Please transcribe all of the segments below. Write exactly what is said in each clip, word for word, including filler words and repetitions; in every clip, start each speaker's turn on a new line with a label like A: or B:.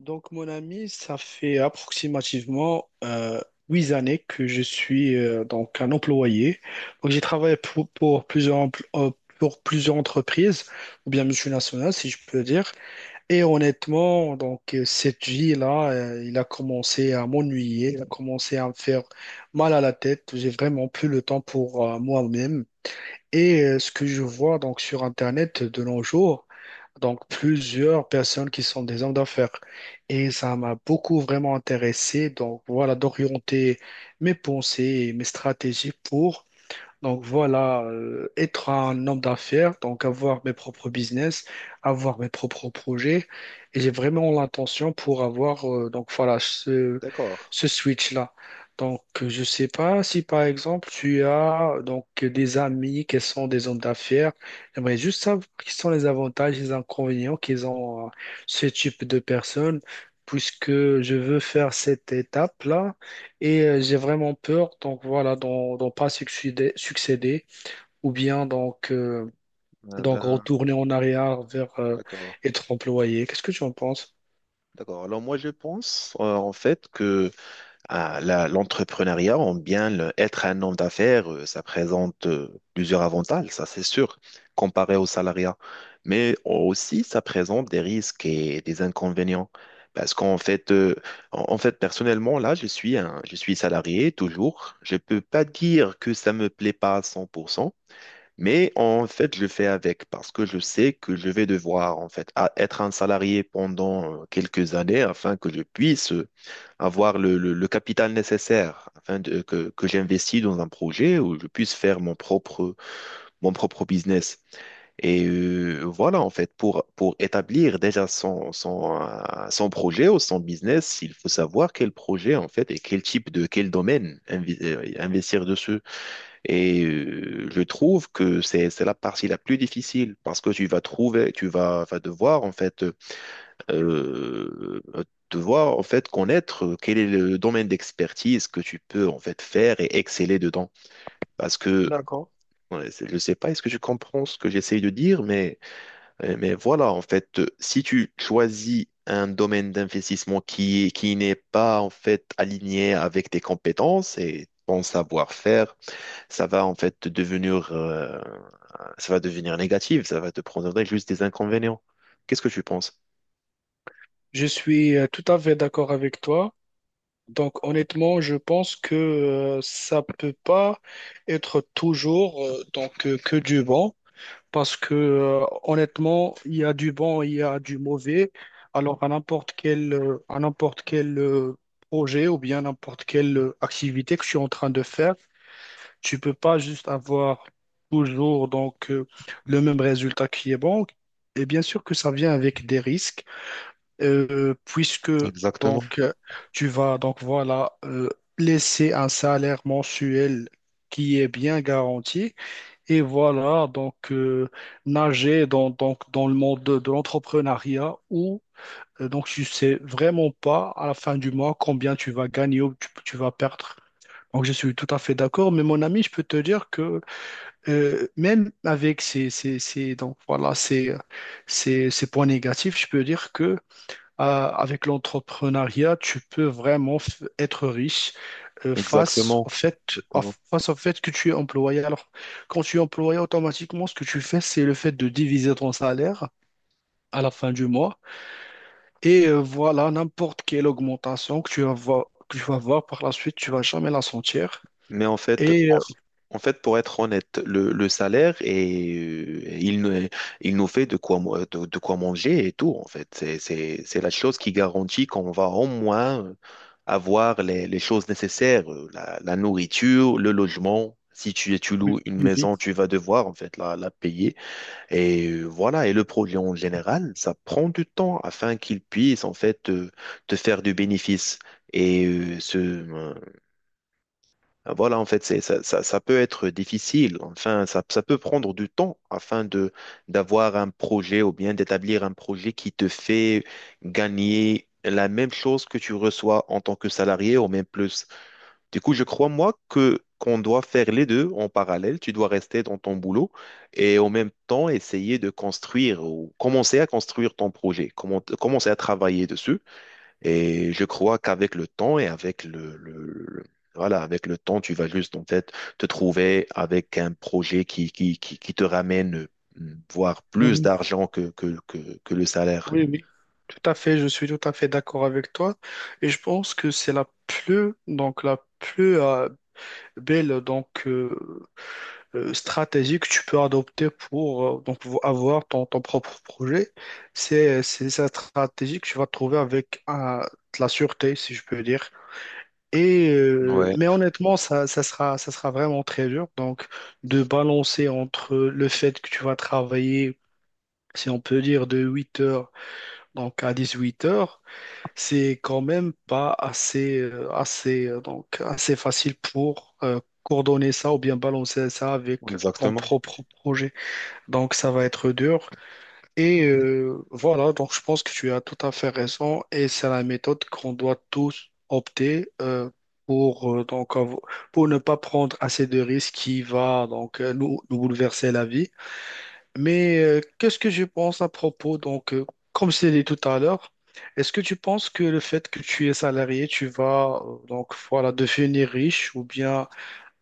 A: Donc, mon ami, ça fait approximativement euh, huit années que je suis euh, donc un employé. Donc, j'ai travaillé pour, pour plusieurs, empl- euh, pour plusieurs entreprises, ou bien multinationales, si je peux dire. Et honnêtement, donc, euh, cette vie-là, euh, il a commencé à m'ennuyer, il a commencé à me faire mal à la tête. J'ai vraiment plus le temps pour euh, moi-même. Et euh, ce que je vois donc sur Internet de nos jours, donc, plusieurs personnes qui sont des hommes d'affaires. Et ça m'a beaucoup vraiment intéressé. Donc, voilà, d'orienter mes pensées et mes stratégies pour donc voilà, euh, être un homme d'affaires, donc avoir mes propres business, avoir mes propres projets. Et j'ai vraiment l'intention pour avoir euh, donc voilà ce,
B: D'accord.
A: ce switch-là. Donc euh, je sais pas si par exemple tu as donc des amis qui sont des hommes d'affaires. J'aimerais juste savoir quels sont les avantages et les inconvénients qu'ils ont euh, ce type de personnes, puisque je veux faire cette étape-là et euh, j'ai vraiment peur, donc voilà, d'en d'en pas succéder, succéder ou bien donc, euh,
B: Euh,
A: donc
B: ben,
A: retourner en arrière vers euh,
B: d'accord.
A: être employé. Qu'est-ce que tu en penses?
B: D'accord. Alors moi, je pense euh, en fait que ah, la- l'entrepreneuriat, on bien le- être un homme d'affaires, euh, ça présente euh, plusieurs avantages, ça c'est sûr, comparé au salariat. Mais aussi, ça présente des risques et des inconvénients. Parce qu'en fait, euh, en en fait, personnellement, là, je suis un, je suis salarié toujours. Je peux pas dire que ça me plaît pas à cent pour cent. Mais en fait, je fais avec parce que je sais que je vais devoir en fait a- être un salarié pendant euh, quelques années afin que je puisse euh, avoir le, le- le capital nécessaire afin de- que, que j'investis dans un projet où je puisse faire mon propre, mon propre business. Et euh, voilà, en fait, pour, pour établir déjà son, son, euh, son projet ou son business, il faut savoir quel projet, en fait, et quel type de, quel domaine invi- euh, investir dessus. Et euh, je trouve que c'est c'est la partie la plus difficile parce que tu vas trouver, tu vas, vas devoir en fait euh, devoir en fait connaître quel est le domaine d'expertise que tu peux en fait faire et exceller dedans. Parce que
A: D'accord.
B: ouais, c'est- je sais pas, est-ce que tu comprends ce que j'essaye de dire, mais euh, mais voilà en fait, euh, si tu choisis un domaine d'investissement qui est- qui n'est pas en fait aligné avec tes compétences et ton savoir-faire. ça va en fait devenir Ça va devenir négatif, ça va te prendre juste des inconvénients. Qu'est-ce que tu penses?
A: Je suis euh, tout à fait d'accord avec toi. Donc honnêtement, je pense que euh, ça peut pas être toujours euh, donc euh, que du bon. Parce que euh, honnêtement, il y a du bon, il y a du mauvais. Alors à n'importe quel, euh, à n'importe quel euh, projet ou bien n'importe quelle euh, activité que je suis en train de faire, tu peux pas juste avoir toujours donc euh, le même résultat qui est bon. Et bien sûr que ça vient avec des risques, euh, puisque
B: Exactement,
A: donc euh, tu vas donc voilà euh, laisser un salaire mensuel qui est bien garanti et voilà, donc euh, nager dans, donc, dans le monde de, de l'entrepreneuriat où euh, donc tu sais vraiment pas à la fin du mois combien tu vas gagner ou tu, tu vas perdre. Donc je suis tout à fait d'accord, mais mon ami, je peux te dire que euh, même avec ces, ces, ces- donc, voilà, ces, ces, ces points négatifs, je peux dire que euh, avec l'entrepreneuriat, tu peux vraiment f- être riche euh, face
B: exactement,
A: au fait, à-
B: exactement.
A: face au fait que tu es employé. Alors, quand tu es employé, automatiquement, ce que tu fais, c'est le fait de diviser ton salaire à la fin du mois. Et euh, voilà, n'importe quelle augmentation que tu vas voir, que tu vas voir par la suite, tu vas jamais la sentir.
B: Mais en fait,
A: Et
B: en,
A: euh,
B: en fait, pour être honnête, le, le salaire et il, nous- il nous fait de quoi, mo- de, de quoi manger et tout, en fait. C'est, c'est, c'est la chose qui garantit qu'on va au moins euh, avoir les, les choses nécessaires, euh, la, la nourriture, le logement. Si tu, tu
A: oui,
B: loues une
A: oui, oui.
B: maison, tu vas devoir, en fait, la, la payer. Et euh, voilà, et le produit en général, ça prend du temps afin qu'il puisse en fait euh, te faire du bénéfice. Et euh, ce, euh, voilà, en fait, c'est, ça, ça, ça peut être difficile. Enfin, ça, ça peut prendre du temps afin de d'avoir un projet ou bien d'établir un projet qui te fait gagner la même chose que tu reçois en tant que salarié ou même plus. Du coup, je crois, moi, que qu'on doit faire les deux en parallèle. Tu dois rester dans ton boulot et en même temps essayer de construire ou commencer à construire ton projet, comment- commencer à travailler dessus. Et je crois qu'avec le temps et avec le, le- le- voilà, avec le temps, tu vas juste en fait te trouver avec un projet qui, qui, qui, qui te ramène euh, voire plus
A: Mhm.
B: d'argent que, que, que, que le salaire.
A: Oui, oui. Tout à fait, je suis tout à fait d'accord avec toi. Et je pense que c'est la plus, donc la plus euh, belle donc, euh, euh, stratégie que tu peux adopter pour euh, donc vo- avoir ton, ton propre projet. C'est c'est sa stratégie que tu vas trouver avec euh, de la sûreté, si je peux dire. Et euh,
B: Ouais,
A: mais honnêtement, ça, ça sera ça sera vraiment très dur. Donc de balancer entre le fait que tu vas travailler, si on peut dire, de huit heures donc à dix huit heures, c'est quand même pas assez euh, assez euh, donc assez facile pour euh, coordonner ça ou bien balancer ça avec ton
B: exactement.
A: propre projet. Donc ça va être dur. Et euh, voilà, donc je pense que tu as tout à fait raison et c'est la méthode qu'on doit tous opter euh, pour, euh, donc, av- pour ne pas prendre assez de risques qui va donc euh, nous, nous bouleverser la vie. Mais euh, qu'est-ce que je pense à propos, donc euh, comme je l'ai dit tout à l'heure, est-ce que tu penses que le fait que tu es salarié, tu vas euh, donc voilà devenir riche ou bien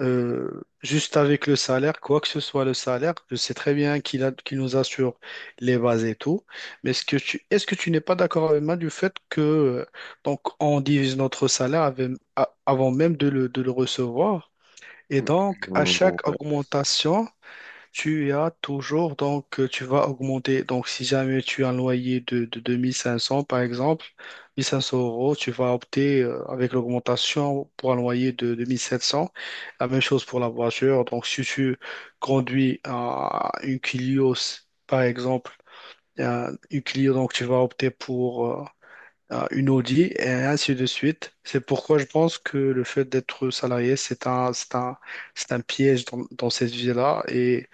A: euh, juste avec le salaire, quoi que ce soit le salaire, je sais très bien qu'il a, qu'il nous assure les bases et tout, mais est-ce que tu, est-ce que tu n'es pas d'accord avec moi du fait que euh, donc on divise notre salaire avec- a- avant même de le, de le recevoir, et donc à chaque augmentation, tu as toujours, donc euh, tu vas augmenter. Donc, si jamais tu as un loyer de, de deux mille cinq cents, par exemple, mille cinq cents euros, tu vas opter euh, avec l'augmentation pour un loyer de deux mille sept cents. La même chose pour la voiture. Donc, si tu conduis euh, une Clio, par exemple, euh, une Clio, donc tu vas opter pour euh, à une Audi et ainsi de suite. C'est pourquoi je pense que le fait d'être salarié, c'est un, c'est un, c'est un piège dans, dans cette vie-là et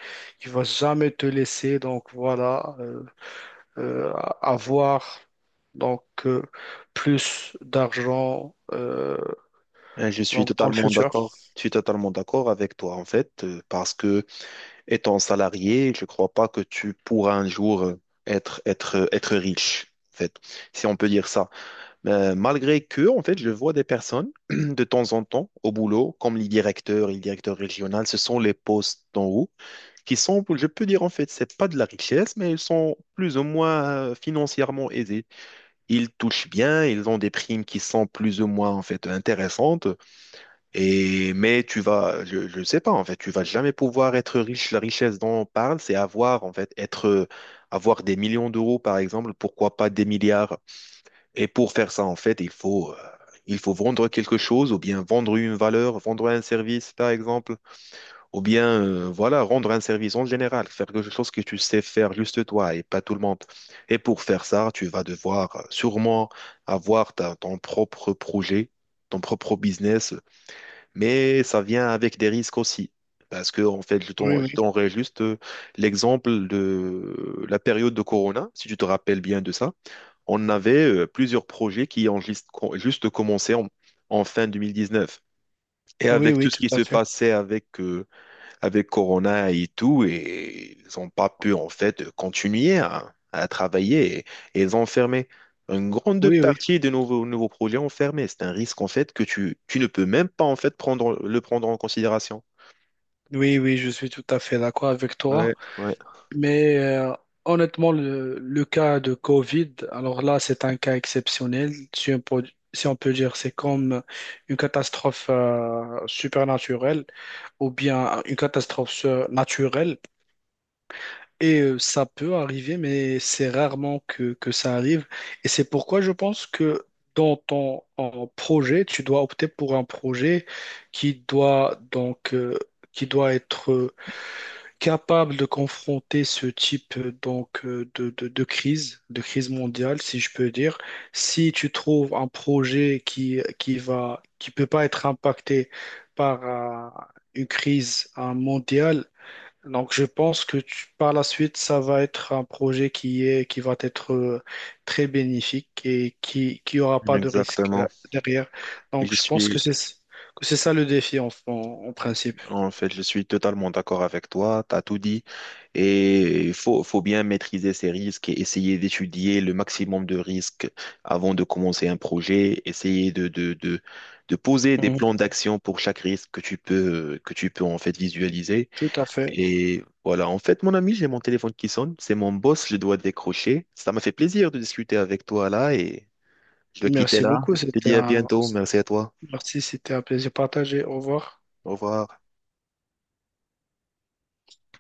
A: il va jamais te laisser donc voilà euh, euh, avoir donc euh, plus d'argent euh,
B: Euh, Je suis
A: donc dans le
B: totalement
A: futur.
B: d'accord. Je suis totalement d'accord avec toi, en fait, euh, parce que étant salarié, je ne crois pas que tu pourras un jour euh, être, être, euh, être riche, en fait, si on peut dire ça. Euh, malgré que, en fait, je vois des personnes de temps en temps au boulot, comme les directeurs, et les directeurs régionaux, ce sont les postes d'en haut qui sont, je peux dire, en fait, c'est pas de la richesse, mais ils sont plus ou moins euh, financièrement aisés. Ils touchent bien, ils ont des primes qui sont plus ou moins, en fait, intéressantes. Et, mais tu vas, je, je sais pas, en fait, tu vas jamais pouvoir être riche. La richesse dont on parle, c'est avoir, en fait, être, euh, avoir des millions d'euros, par exemple, pourquoi pas des milliards. Et pour faire ça, en fait, il faut, euh, il faut vendre quelque chose, ou bien vendre une valeur, vendre un service, par exemple, ou bien, euh, voilà, rendre un service en général, faire quelque chose que tu sais faire juste toi et pas tout le monde. Et pour faire ça, tu vas devoir euh, sûrement avoir ta- ton propre projet, ton propre business, mais ça vient avec des risques aussi. Parce que, en fait, je
A: Oui,
B: t'en-
A: oui,
B: je t'enverrai juste euh, l'exemple de la période de Corona, si tu te rappelles bien de ça. On avait euh, plusieurs projets qui ont juste, co- juste commencé en, en fin deux mille dix-neuf. Et
A: oui,
B: avec tout
A: oui,
B: ce
A: tout
B: qui se
A: à fait.
B: passait avec euh, avec Corona et tout, et ils n'ont pas pu en fait continuer à, à travailler et, et ils ont fermé. Une grande
A: Oui, oui,
B: partie des nouveaux, nouveaux projets ont fermé. C'est un risque en fait que tu, tu ne peux même pas en fait prendre, le prendre en considération.
A: oui, oui, je suis tout à fait d'accord avec
B: Ouais,
A: toi.
B: ouais,
A: Mais euh, honnêtement, le, le cas de Covid, alors là, c'est un cas exceptionnel. Si on peut, si on peut dire, c'est comme une catastrophe euh, supernaturelle ou bien une catastrophe sur- naturelle. Et euh, ça peut arriver, mais c'est rarement que, que ça arrive. Et c'est pourquoi je pense que dans ton en projet, tu dois opter pour un projet qui doit donc euh, qui doit être capable de confronter ce type euh, donc euh, de, de, de crise, de crise mondiale, si je peux dire. Si tu trouves un projet qui qui va qui peut pas être impacté par euh, une crise euh, mondiale, donc je pense que tu- par la suite ça va être un projet qui est qui va être euh, très bénéfique et qui qui aura pas de risque euh,
B: exactement.
A: derrière.
B: Et
A: Donc
B: je
A: je pense que
B: suis,
A: c'est que c'est ça le défi en, en, en principe.
B: En fait, je suis totalement d'accord avec toi, tu as tout dit. Et il faut, faut bien maîtriser ces risques et essayer d'étudier le maximum de risques avant de commencer un projet, essayer de, de, de, de poser des
A: Mhm.
B: plans d'action pour chaque risque que tu peux, que tu peux en fait visualiser.
A: Tout à fait.
B: Et voilà, en fait, mon ami, j'ai mon téléphone qui sonne, c'est mon boss, je dois décrocher. Ça m'a fait plaisir de discuter avec toi là et je dois quitter
A: Merci
B: là.
A: beaucoup.
B: Je te
A: C'était
B: dis à
A: un...
B: bientôt, merci à toi,
A: Merci, c'était un plaisir partagé. Au revoir.
B: au revoir.